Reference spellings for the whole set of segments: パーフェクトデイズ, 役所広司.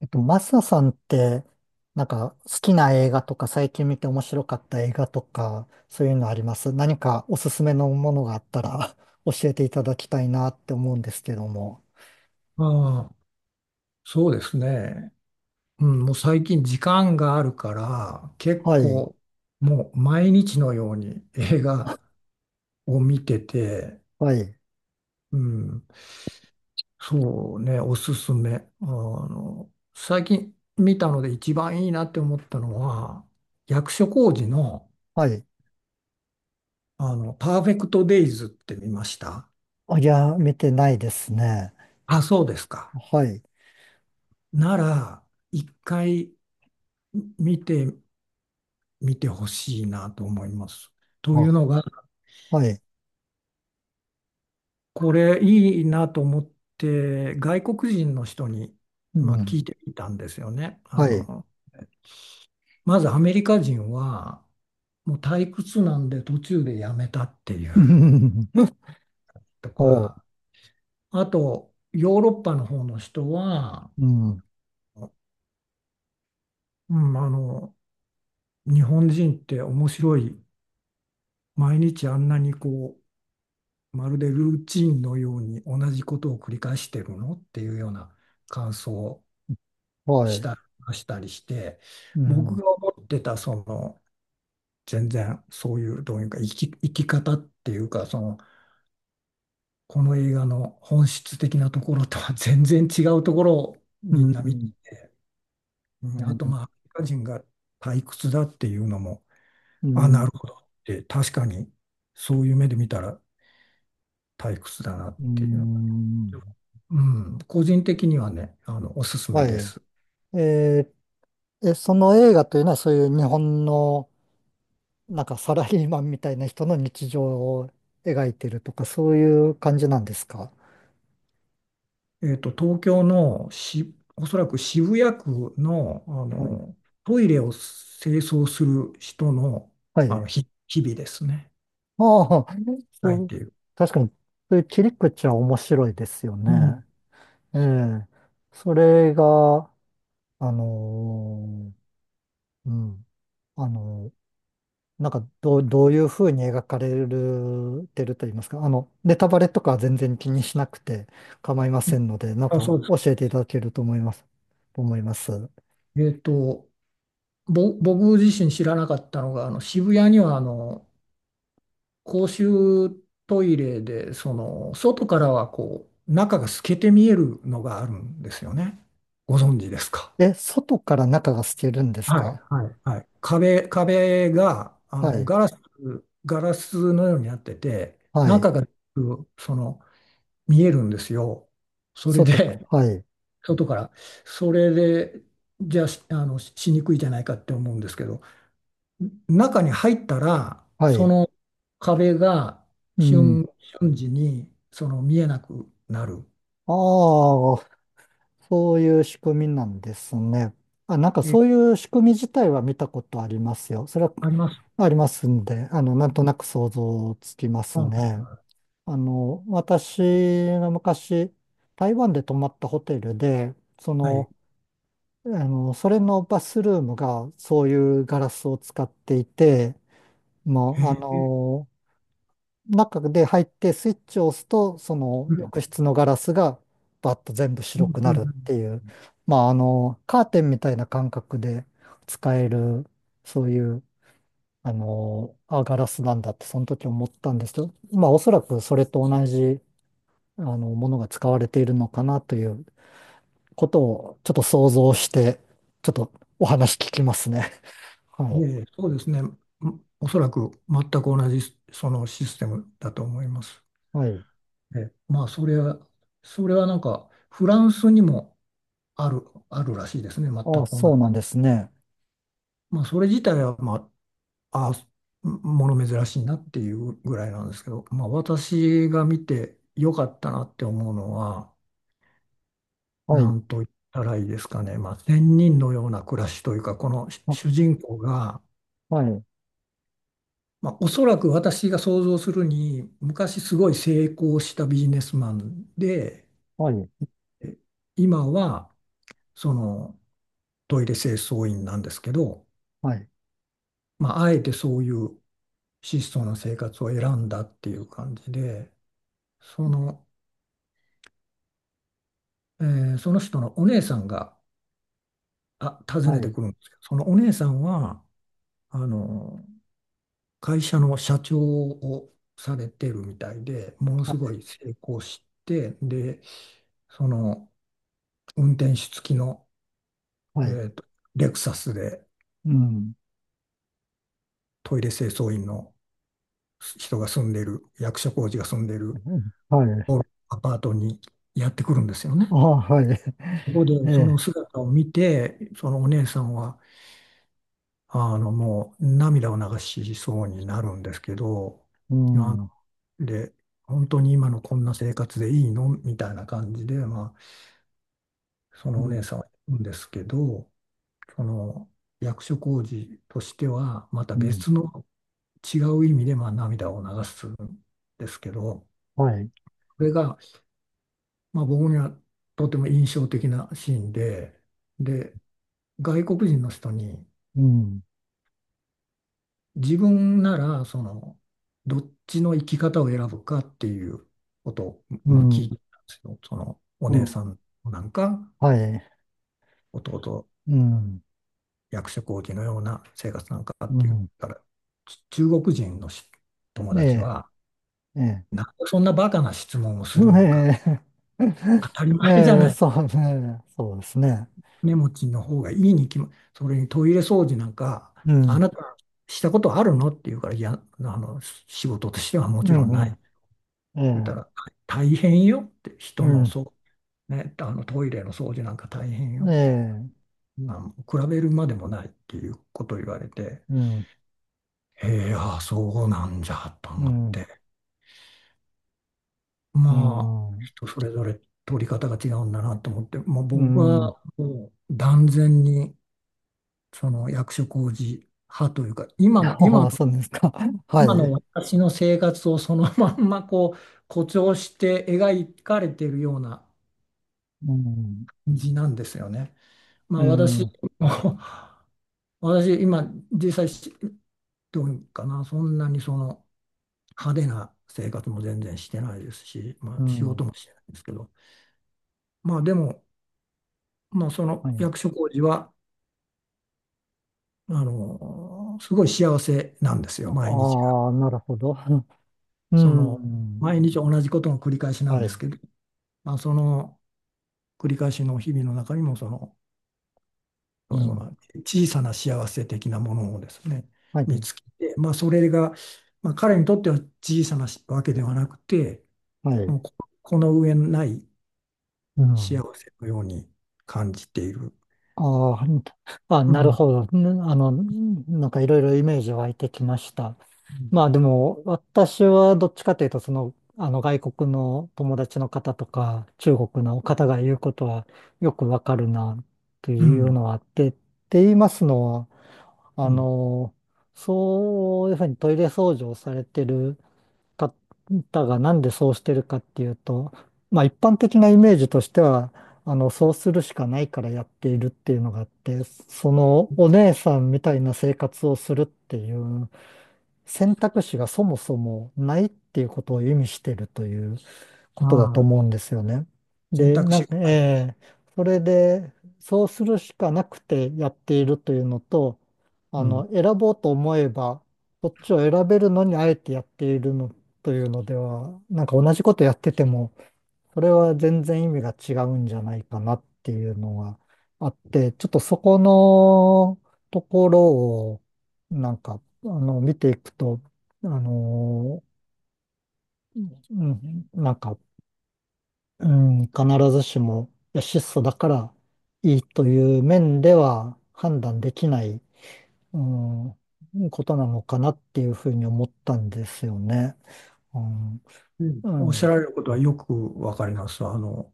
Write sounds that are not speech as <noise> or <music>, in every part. マサさんって、なんか好きな映画とか最近見て面白かった映画とか、そういうのあります？何かおすすめのものがあったら <laughs> 教えていただきたいなって思うんですけども。ああ、そうですね。うん、もう最近時間があるから、結はい、構もう毎日のように映画を見てて、はい、うん、そうね、おすすめ。最近見たので一番いいなって思ったのは、役所広司の、はい。パーフェクトデイズって見ました。あ、いや、見てないですね。あ、そうですか。はい、なら、一回見てみてほしいなと思います。というあ、のが、はい、これいいなと思って外国人の人に、うまあ、ん、聞いてみたんですよね。はい。まずアメリカ人はもう退屈なんで途中でやめたっていう <laughs> とお、か、あとヨーロッパの方の人は、うん、うん、日本人って面白い、毎日あんなにまるでルーチンのように同じことを繰り返してるのっていうような感想はしい、たりしたりして、う僕ん、が思ってた、その、全然そういう、どういうか、生き方っていうか、その、この映画の本質的なところとは <laughs> 全然違うところをうみんな見て、ん、ううん、あと、ん、まあ、アメリカ人が退屈だっていうのも、うあ、ん、なるほどって、確かに、そういう目で見たら退屈だなうっていうのが、んうん、個人的にはね、あの、おすすめはでい。す。えーえ、その映画というのはそういう日本のなんかサラリーマンみたいな人の日常を描いてるとかそういう感じなんですか？東京の、おそらく渋谷区の、あはい。のトイレを清掃する人の、はい。日々ですね。ああ、ないっそう、ていう。確かにそういう切り口は面白いですようね。ん。ええ。それが、あのうん。あのーなんかどういうふうに描かれてると言いますか、あの、ネタバレとかは全然気にしなくて構いませんので、なんあ、かそうですか。教えていただけると思います。と思います。えっと、僕自身知らなかったのが、あの渋谷にはあの公衆トイレで、その外からはこう中が透けて見えるのがあるんですよね。ご存知ですか？え、外から中が透けるんですはい、か？はい、はい。壁が、あはの、い。ガラスのようになってて、はい。中が、その、見えるんですよ。それ外か、で、はい。<laughs> 外から。それで、じゃあ、あの、ししにくいじゃないかって思うんですけど、中に入ったら、はそい。の壁がうん。瞬、瞬時に、その、見えなくなる。ああ、そういう仕組みなんですね。あ、なんかえ、そういう仕組み自体は見たことありますよ。それはあります。ありますんで、あの、なんとなく想像つきますあ、ね。あの、私が昔、台湾で泊まったホテルで、そはい。の、あの、それのバスルームがそういうガラスを使っていて、もへう、あえ、の、中で入ってスイッチを押すと、そのうん、浴室のガラスがバッと全部う白ん、くうなん。うるってん、いう、まあ、あの、カーテンみたいな感覚で使える、そういう、あの、あ、ガラスなんだって、その時思ったんですけど、まあ、おそらくそれと同じあの、ものが使われているのかなということをちょっと想像して、ちょっとお話聞きますね。<laughs> はえい。え、そうですね。ん、おそらく全く同じそのシステムだと思います。はい。ええ、まあ、それはなんか、フランスにもある、あるらしいですね。全あ、く同そうなんじ。ですね。まあ、それ自体は、まあ、もの珍しいなっていうぐらいなんですけど、まあ、私が見てよかったなって思うのは、はない。んと言ったらいいですかね。まあ、仙人のような暮らしというか、この主あ人公が、はい。まあ、おそらく私が想像するに、昔すごい成功したビジネスマンで、はい。え今はそのトイレ清掃員なんですけど、はい。まあ、あえてそういう質素な生活を選んだっていう感じで、その、えーその人のお姉さんが、あ、訪はねてい。くるんですけど、そのお姉さんは、あの、会社の社長をされてるみたいで、ものすごい成功して、で、その、運転手付きの、はえい。ーと、レクサスでうん。トイレ清掃員の人が住んでる、役所工事が住んでうるんはい。アパートにやってくるんですよあ、ね。はい。<laughs> そこでえそのえ。姿を見て、そのお姉さんは、あの、もう涙を流しそうになるんですけど、うあのん。うで、本当に今のこんな生活でいいのみたいな感じで、まあ、そのおん。姉さんは言うんですけど、その役所工事としては、またうん。別の違う意味でまあ涙を流すんですけど、はい。これがまあ僕にはとても印象的なシーンで、で、外国人の人にうん。自分ならそのどっちの生き方を選ぶかっていうことをうまあ聞ん。いてたんですよ。そのおう姉ん。さんなんか、はい。弟うん。役所広司のような生活なんかっうていうん。から中国人の友え達え。は、ええ。なんでそんなバカな質問をするうんんか、ええ。当たり <laughs> 前じゃええ、ない、そうね。そうですね。金持ちの方がいいに決ま、それにトイレ掃除なんか、うあん。なたしたことあるのって言うから、いや、あの、仕事としてはもうちろんんうなん。い。え言ったえ。ら、大変よって、うん。あのトイレの掃除なんか大変えよ。え。なん比べるまでもないっていうことを言われて、うん。ええ、ああ、そうなんじゃとう思っん。て、うまあ、ん。人それぞれ取り方が違うんだなと思って、もうう僕ん。はもう断然に、その役所広司派というか、ああ、そうですか。<laughs> は今のい。私の生活をそのまんまこう <laughs> 誇張して描かれているようなうん。感じなんですよね。まうあ私、ん。もう <laughs> 私今実際どうかな、そんなにその派手な生活も全然してないですし、まうあ仕事ん。もしてないんですけど、まあでも、まあそのはい。役所広司は、あの、すごい幸せなんですよ、毎日。ああ、なるほど。<laughs> うそのん。毎日同じことの繰り返しなんはですい。けど、まあ、その繰り返しの日々の中にもそのうそういうのん。が小さな幸せ的なものをですねは見い。つけて、まあ、それが、まあ、彼にとっては小さなわけではなくて、はい。もうここの上ないう幸ん。せのように感じている。ああ、あ、うなるん、うん、ほど。んあの、なんかいろいろイメージ湧いてきました。まあでも、私はどっちかというと、その、あの外国の友達の方とか、中国の方が言うことはよくわかるな、とういうん。のはあって、って言いますのは、あうん、の、そういうふうにトイレ掃除をされてる方がなんでそうしてるかっていうと、まあ一般的なイメージとしては、あの、そうするしかないからやっているっていうのがあって、そのお姉さんみたいな生活をするっていう選択肢がそもそもないっていうことを意味してるということだとまあ、思うんですよね。選で、択なん肢がか、ない。それで、そうするしかなくてやっているというのと、あうん、の、選ぼうと思えば、こっちを選べるのにあえてやっているのというのでは、なんか同じことやってても、それは全然意味が違うんじゃないかなっていうのがあって、ちょっとそこのところをなんか、あの、見ていくと、あの、うん、なんか、うん、必ずしも、いや、質素だからいいという面では判断できない、うん、ことなのかなっていうふうに思ったんですよね。うん、うん、うおっしゃん、られることはよくわかります。あの、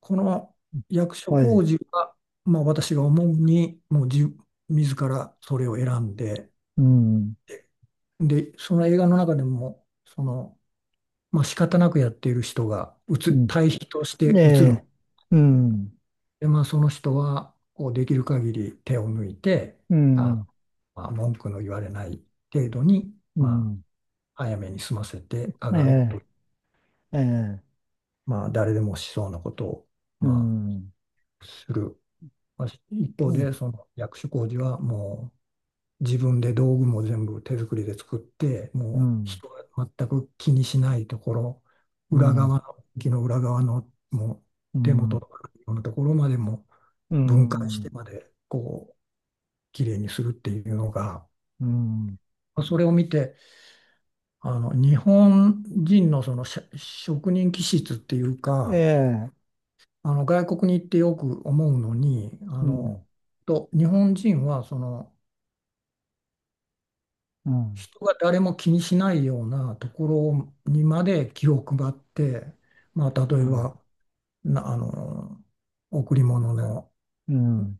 この役所はい、広司は、まあ、私が思うに、もう自、自らそれを選んで、うん、で、その映画の中でも、その、まあ、仕方なくやっている人が、うん、対比としねて映る。え、うん。で、まあ、その人は、こう、できる限り手を抜いて、うあ、ん、まあ、文句の言われない程度に、うまん、あ、早めに済ませて上えがろうえ、と、ええ、まあ、誰でもしそうなことを、うまん、する。まあ、一方うん、で、その役所広司はもう、自分で道具も全部手作りで作って、うもうん、人が全く気にしないところ、う裏ん、側の、木の裏側のもうう手元ん、とかのところまでもう分解してん、まで、こう、綺麗にするっていうのが、うんそれを見て、あの、日本人のその職人気質っていうえか、え、あの、外国に行ってよく思うのに、あうん、の、と、日本人はその、うん、人が誰も気にしないようなところにまで気を配って、まあ、う例えん、ばあの贈り物のうん、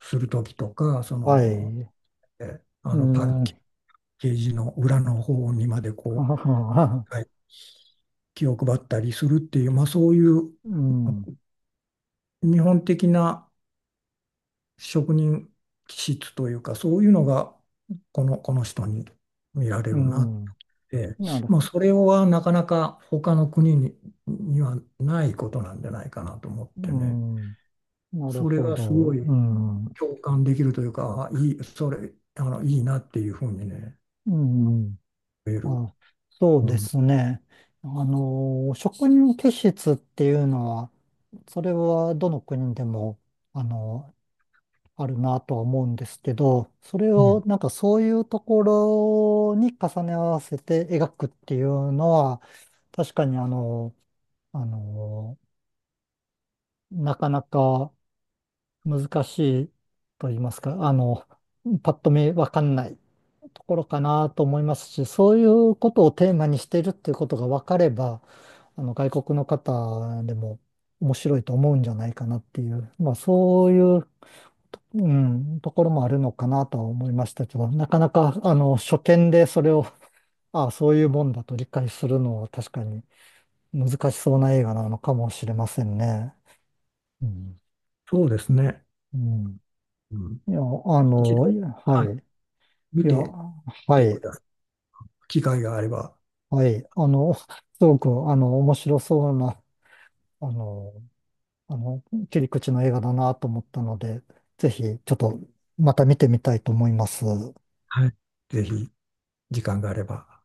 時とかそはのい、あうのパッん、ケージの裏の方にまであはうはは、い気を配ったりするっていう、まあ、そういううん、日本的な職人気質というかそういうのがこの、この人に見られうるな、ん、ええ、なる、まあ、それはなかなか他の国に、にはないことなんじゃないかなと思っうてね、ん、なるそれほがすごど、ういん、う共感できるというか、あいい、それ、あの、いいなっていうふうにね、ん、言える。あ、そううでん、すね。あの、職人気質っていうのは、それはどの国でも、あの、あるなとは思うんですけど、それうをん、なんかそういうところに重ね合わせて描くっていうのは、確かにあの、なかなか難しいと言いますか、あの、パッと見わかんないところかなと思いますし、そういうことをテーマにしているっていうことが分かれば、あの外国の方でも面白いと思うんじゃないかなっていう、まあそういう、うん、ところもあるのかなとは思いましたけど、なかなかあの初見でそれを、ああ、そういうもんだと理解するのは確かに難しそうな映画なのかもしれませんね。うん。そうですね。うん。うん、いや、あ一の、い度、やはい、はい。い見や、てっはてくい。ださい。機会があれば、はい。あの、すごく、あの、面白そうなあの、あの、切り口の映画だなと思ったので、ぜひちょっとまた見てみたいと思います。はい、ぜひ、時間があれば。